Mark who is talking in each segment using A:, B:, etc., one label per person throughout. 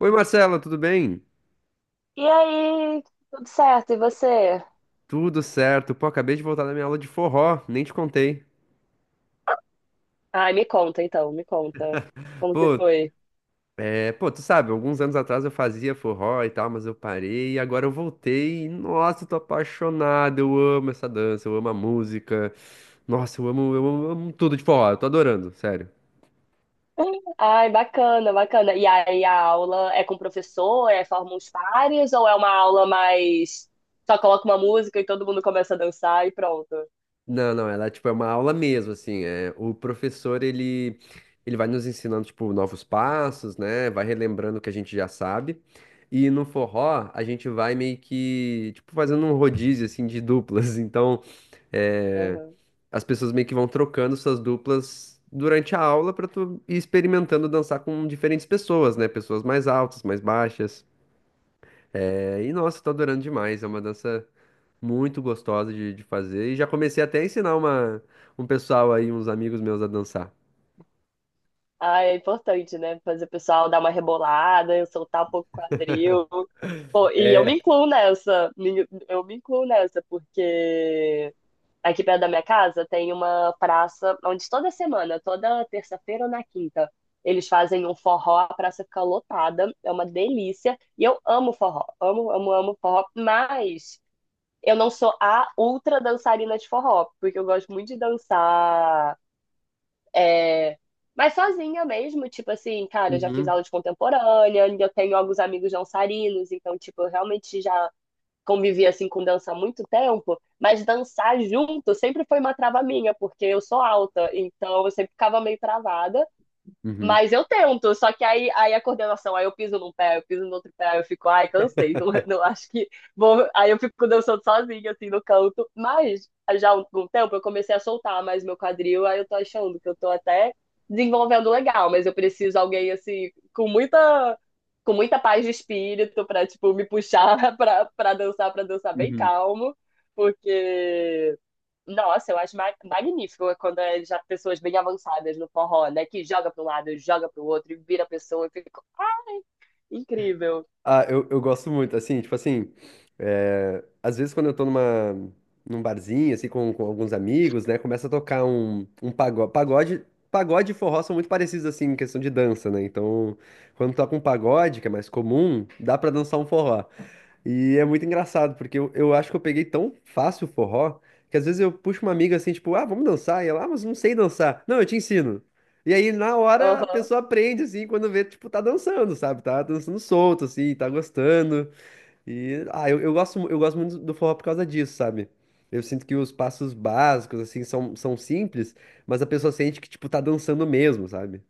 A: Oi Marcela, tudo bem?
B: E aí, tudo certo? E você?
A: Tudo certo. Pô, acabei de voltar da minha aula de forró, nem te contei.
B: Ai, me conta então, me conta. Como que
A: Pô,
B: foi?
A: tu sabe, alguns anos atrás eu fazia forró e tal, mas eu parei e agora eu voltei. Nossa, eu tô apaixonado, eu amo essa dança, eu amo a música. Nossa, eu amo, eu amo, eu amo tudo de forró, eu tô adorando, sério.
B: Ai, bacana, bacana. E aí, a aula é com o professor? É forma uns pares? Ou é uma aula mais. Só coloca uma música e todo mundo começa a dançar e pronto?
A: Não, não, ela tipo é uma aula mesmo, assim, é, o professor ele vai nos ensinando tipo novos passos, né? Vai relembrando o que a gente já sabe. E no forró, a gente vai meio que tipo fazendo um rodízio assim de duplas. Então, é,
B: Aham.
A: as pessoas meio que vão trocando suas duplas durante a aula para tu ir experimentando dançar com diferentes pessoas, né? Pessoas mais altas, mais baixas. É, e nossa, tá adorando demais. É uma dança muito gostosa de fazer. E já comecei até a ensinar um pessoal aí, uns amigos meus a dançar.
B: Ai, é importante, né? Fazer o pessoal dar uma rebolada, eu soltar um pouco o quadril. Pô, e eu me incluo nessa. Eu me incluo nessa, porque. Aqui perto da minha casa tem uma praça onde toda semana, toda terça-feira ou na quinta, eles fazem um forró, a praça fica lotada, é uma delícia. E eu amo forró, amo, amo, amo forró, mas eu não sou a ultra dançarina de forró, porque eu gosto muito de dançar, é, mas sozinha mesmo, tipo assim, cara, eu já fiz
A: Uhum,
B: aula de contemporânea, eu tenho alguns amigos dançarinos, então, tipo, eu realmente já convivi assim com dança há muito tempo, mas dançar junto sempre foi uma trava minha, porque eu sou alta, então eu sempre ficava meio travada.
A: uhum,
B: Mas eu tento, só que aí a coordenação, aí eu piso num pé, eu piso no outro pé, eu fico, ai, cansei, não, não acho que vou. Aí eu fico dançando sozinha, assim, no canto. Mas já há um tempo eu comecei a soltar mais meu quadril, aí eu tô achando que eu tô até desenvolvendo legal, mas eu preciso alguém, assim, com muita paz de espírito pra, tipo, me puxar pra dançar, pra dançar bem
A: uhum.
B: calmo, porque nossa, eu acho magnífico é quando é já pessoas bem avançadas no forró, né? Que joga para um lado, joga para o outro e vira a pessoa. Fica incrível.
A: Ah, eu gosto muito, assim, tipo assim, às vezes quando eu tô num barzinho, assim, com alguns amigos, né, começa a tocar um pagode e forró são muito parecidos, assim, em questão de dança, né, então, quando toca um pagode, que é mais comum, dá pra dançar um forró. E é muito engraçado, porque eu acho que eu peguei tão fácil o forró, que às vezes eu puxo uma amiga assim, tipo, ah, vamos dançar, e ela, ah, mas não sei dançar. Não, eu te ensino. E aí, na hora, a
B: Aham.
A: pessoa aprende, assim, quando vê, tipo, tá dançando, sabe? Tá dançando solto, assim, tá gostando. E, ah, eu gosto muito do forró por causa disso, sabe? Eu sinto que os passos básicos, assim, são simples, mas a pessoa sente que, tipo, tá dançando mesmo, sabe?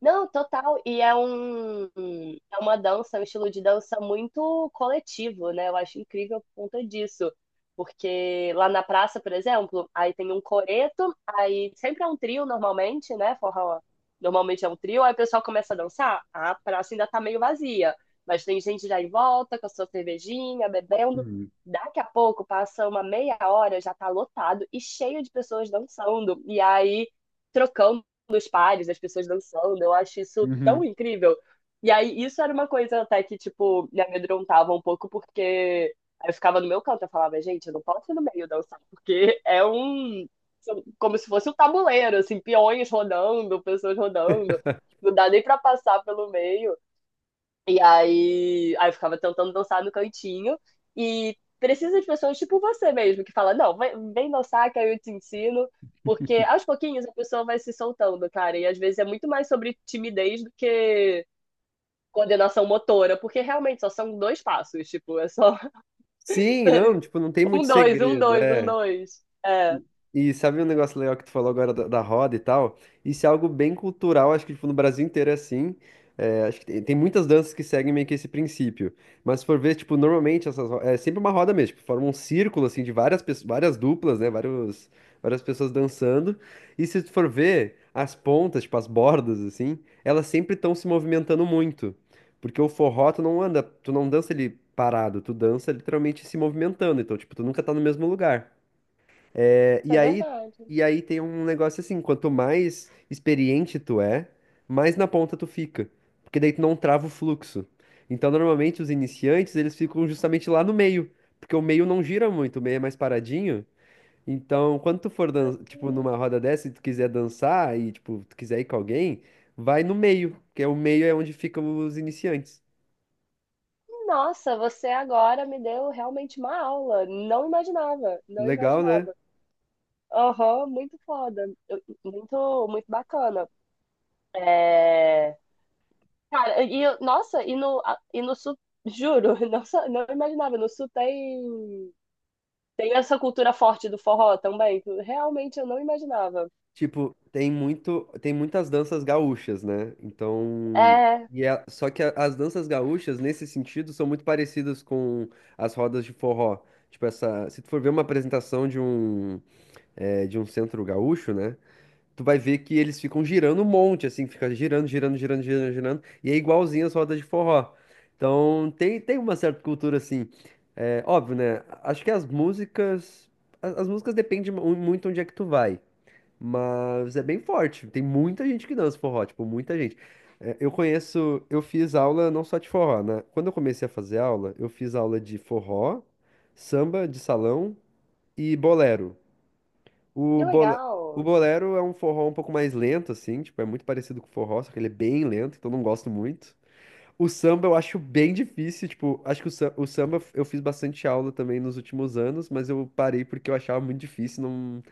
B: Não, total. É uma dança, é um estilo de dança muito coletivo, né? Eu acho incrível por conta disso. Porque lá na praça, por exemplo, aí tem um coreto, aí sempre é um trio normalmente, né? Forró normalmente é um trio, aí o pessoal começa a dançar, a praça ainda tá meio vazia, mas tem gente já em volta com a sua cervejinha, bebendo.
A: Uhum.
B: Daqui a pouco, passa uma meia hora, já tá lotado e cheio de pessoas dançando. E aí trocando dos pares, as pessoas dançando, eu acho isso tão
A: Uhum.
B: incrível. E aí, isso era uma coisa até que, tipo, me amedrontava um pouco, porque aí eu ficava no meu canto, eu falava, gente, eu não posso ir no meio dançar, porque é um. São Como se fosse um tabuleiro, assim, peões rodando, pessoas rodando, não dá nem pra passar pelo meio. E aí eu ficava tentando dançar no cantinho e precisa de pessoas tipo você mesmo, que fala, não, vem, vem dançar que aí eu te ensino, porque aos pouquinhos a pessoa vai se soltando, cara, e às vezes é muito mais sobre timidez do que coordenação motora, porque realmente só são dois passos, tipo, é só
A: Sim, não, tipo, não tem
B: um,
A: muito
B: dois, um,
A: segredo,
B: dois, um,
A: é.
B: dois. É,
A: E sabe um negócio legal que tu falou agora da roda e tal? Isso é algo bem cultural, acho que tipo, no Brasil inteiro é assim. É, acho que tem muitas danças que seguem meio que esse princípio. Mas se for ver, tipo, normalmente é sempre uma roda mesmo, tipo, forma um círculo assim de várias pessoas, várias duplas, né? Vários, várias pessoas dançando. E se tu for ver, as pontas, tipo, as bordas, assim, elas sempre estão se movimentando muito. Porque o forró, tu não anda, tu não dança ele parado, tu dança literalmente se movimentando. Então, tipo, tu nunca tá no mesmo lugar. E
B: é
A: aí,
B: verdade.
A: e aí tem um negócio assim, quanto mais experiente tu é, mais na ponta tu fica, porque daí tu não trava o fluxo. Então, normalmente os iniciantes, eles ficam justamente lá no meio, porque o meio não gira muito, o meio é mais paradinho. Então, quando tu for, tipo, numa roda dessa e tu quiser dançar e, tipo, tu quiser ir com alguém, vai no meio, que é o meio é onde ficam os iniciantes.
B: Nossa, você agora me deu realmente uma aula. Não imaginava, não
A: Legal, né?
B: imaginava. Aham, muito foda. Muito, muito bacana. É... Cara, nossa, e no sul, juro, nossa, não imaginava, no sul tem, tem essa cultura forte do forró também, que realmente eu não imaginava.
A: Tipo, tem muitas danças gaúchas, né? Então,
B: É,
A: e é só que as danças gaúchas nesse sentido são muito parecidas com as rodas de forró. Tipo essa, se tu for ver uma apresentação de um de um centro gaúcho, né? Tu vai ver que eles ficam girando um monte, assim, fica girando, girando, girando, girando, girando, e é igualzinho as rodas de forró. Então, tem uma certa cultura assim. É, óbvio, né? Acho que as, as músicas dependem muito onde é que tu vai. Mas é bem forte. Tem muita gente que dança forró, tipo, muita gente. É, eu conheço, eu fiz aula não só de forró, né? Quando eu comecei a fazer aula, eu fiz aula de forró, samba de salão e bolero. O,
B: que
A: bola- o
B: legal.
A: bolero é um forró um pouco mais lento, assim, tipo, é muito parecido com o forró, só que ele é bem lento, então eu não gosto muito. O samba eu acho bem difícil, tipo, acho que o o samba eu fiz bastante aula também nos últimos anos, mas eu parei porque eu achava muito difícil, não,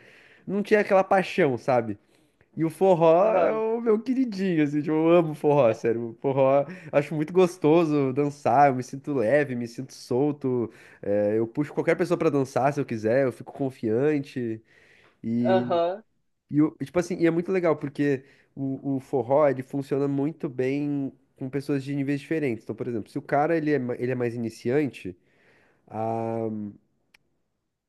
A: não tinha aquela paixão, sabe? E o forró é
B: Aham,
A: o meu queridinho, assim, tipo, eu amo forró, sério. O forró, acho muito gostoso dançar, eu me sinto leve, me sinto solto. É, eu puxo qualquer pessoa pra dançar se eu quiser, eu fico confiante. E,
B: aham,
A: tipo assim, e é muito legal, porque o forró, ele funciona muito bem com pessoas de níveis diferentes. Então, por exemplo, se o cara, ele é mais iniciante,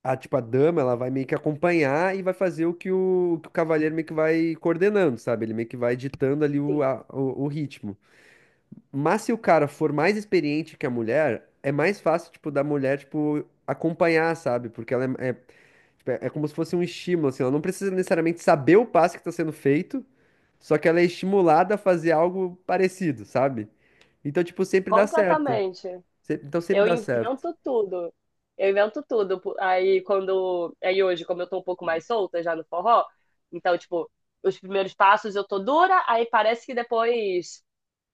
A: tipo, a dama, ela vai meio que acompanhar e vai fazer que o cavaleiro meio que vai coordenando, sabe? Ele meio que vai ditando ali
B: sim,
A: o ritmo. Mas se o cara for mais experiente que a mulher, é mais fácil, tipo, da mulher, tipo, acompanhar, sabe? Porque tipo, é como se fosse um estímulo, assim, ela não precisa necessariamente saber o passo que está sendo feito, só que ela é estimulada a fazer algo parecido, sabe? Então, tipo, sempre dá certo.
B: completamente.
A: Então sempre
B: Eu
A: dá certo.
B: invento tudo. Eu invento tudo. Aí quando. Aí hoje, como eu tô um pouco mais solta já no forró, então, tipo, os primeiros passos eu tô dura, aí parece que depois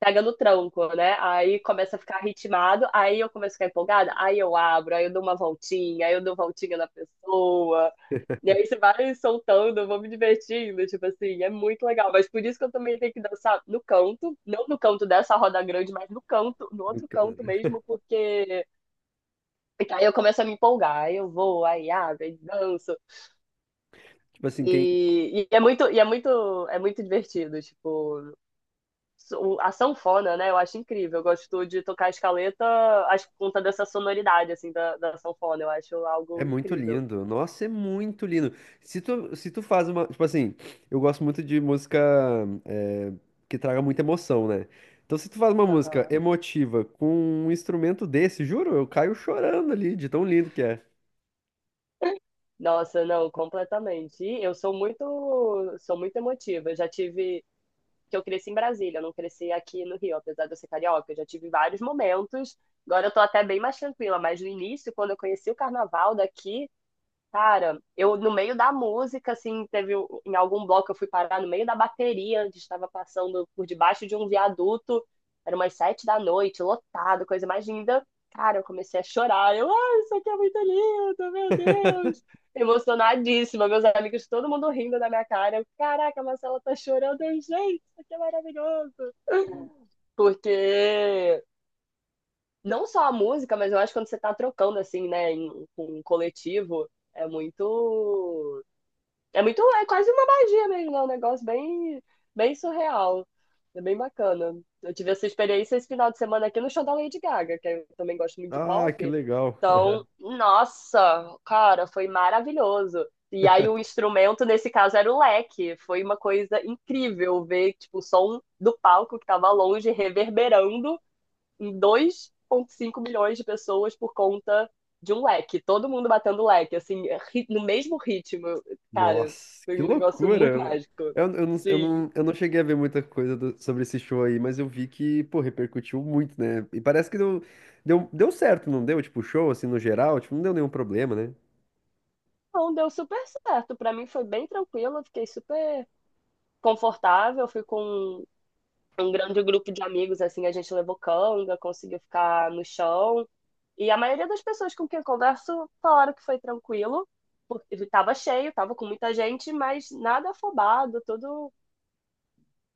B: pega no tronco, né? Aí começa a ficar ritmado, aí eu começo a ficar empolgada, aí eu abro, aí eu dou uma voltinha, aí eu dou voltinha na pessoa. E aí você vai soltando, eu vou me divertindo, tipo assim, é muito legal. Mas por isso que eu também tenho que dançar no canto, não no canto dessa roda grande, mas no canto, no outro canto mesmo, porque aí eu começo a me empolgar, aí eu vou, aí abro, aí danço.
A: Tipo assim, quem,
B: E é muito divertido, tipo, a sanfona, né? Eu acho incrível. Eu gosto de tocar a escaleta, acho que por conta dessa sonoridade, assim, da sanfona. Eu acho
A: é
B: algo
A: muito
B: incrível.
A: lindo. Nossa, é muito lindo. Se tu faz uma. Tipo assim, eu gosto muito de música eh, que traga muita emoção, né? Então, se tu faz uma música
B: Aham.
A: emotiva com um instrumento desse, juro, eu caio chorando ali, de tão lindo que é.
B: Nossa, não, completamente. E sou muito emotiva. Eu já tive, que eu cresci em Brasília, eu não cresci aqui no Rio, apesar de eu ser carioca. Eu já tive vários momentos. Agora eu tô até bem mais tranquila, mas no início, quando eu conheci o carnaval daqui, cara, eu no meio da música, assim, em algum bloco eu fui parar no meio da bateria, onde estava passando por debaixo de um viaduto, era umas sete da noite, lotado, coisa mais linda. Cara, eu comecei a chorar. Eu, ai, isso aqui é muito lindo, meu Deus! Emocionadíssima, meus amigos, todo mundo rindo da minha cara. Eu, caraca, a Marcela tá chorando, eu, gente, isso aqui é maravilhoso. Porque não só a música, mas eu acho que quando você tá trocando, assim, né, em, com um coletivo, é muito. É muito, é quase uma magia mesmo, é um negócio bem, bem surreal. É bem bacana. Eu tive essa experiência esse final de semana aqui no show da Lady Gaga, que eu também gosto muito de
A: Ah,
B: pop.
A: que legal.
B: Então, nossa, cara, foi maravilhoso. E aí o instrumento, nesse caso, era o leque. Foi uma coisa incrível ver, tipo, o som do palco que tava longe reverberando 2,5 milhões de pessoas por conta de um leque. Todo mundo batendo leque, assim, no mesmo ritmo. Cara,
A: Nossa,
B: foi
A: que
B: um negócio muito
A: loucura.
B: mágico. Sim.
A: Eu não cheguei a ver muita coisa sobre esse show aí, mas eu vi que, pô, repercutiu muito, né? E parece que deu certo, não deu? Tipo, o show, assim, no geral, tipo, não deu nenhum problema, né?
B: Então, deu super certo. Pra mim foi bem tranquilo, eu fiquei super confortável. Fui com um grande grupo de amigos, assim, a gente levou canga, conseguiu ficar no chão. E a maioria das pessoas com quem eu converso falaram que foi tranquilo, porque estava cheio, estava com muita gente, mas nada afobado, tudo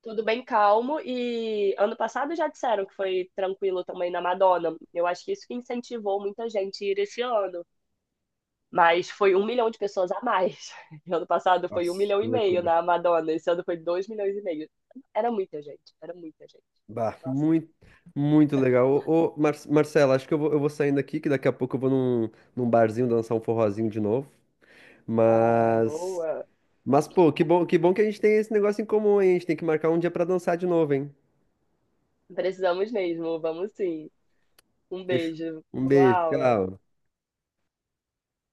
B: bem calmo. E ano passado já disseram que foi tranquilo também na Madonna. Eu acho que isso que incentivou muita gente a ir esse ano. Mas foi um milhão de pessoas a mais. Ano passado foi um
A: Nossa,
B: milhão
A: que
B: e meio
A: loucura.
B: na Madonna. Esse ano foi dois milhões e meio. Era muita gente, era muita gente.
A: Bah,
B: Nossa,
A: muito, muito legal. Ô, ô, Mar Marcela, acho que eu vou saindo aqui, que daqui a pouco eu vou num barzinho dançar um forrozinho de novo.
B: tá
A: Mas,
B: boa.
A: mas pô, que bom, que bom que a gente tem esse negócio em comum, hein? A gente tem que marcar um dia pra dançar de novo, hein?
B: Precisamos mesmo, vamos sim. Um
A: Beijo.
B: beijo.
A: Um
B: Boa
A: beijo,
B: aula.
A: tchau.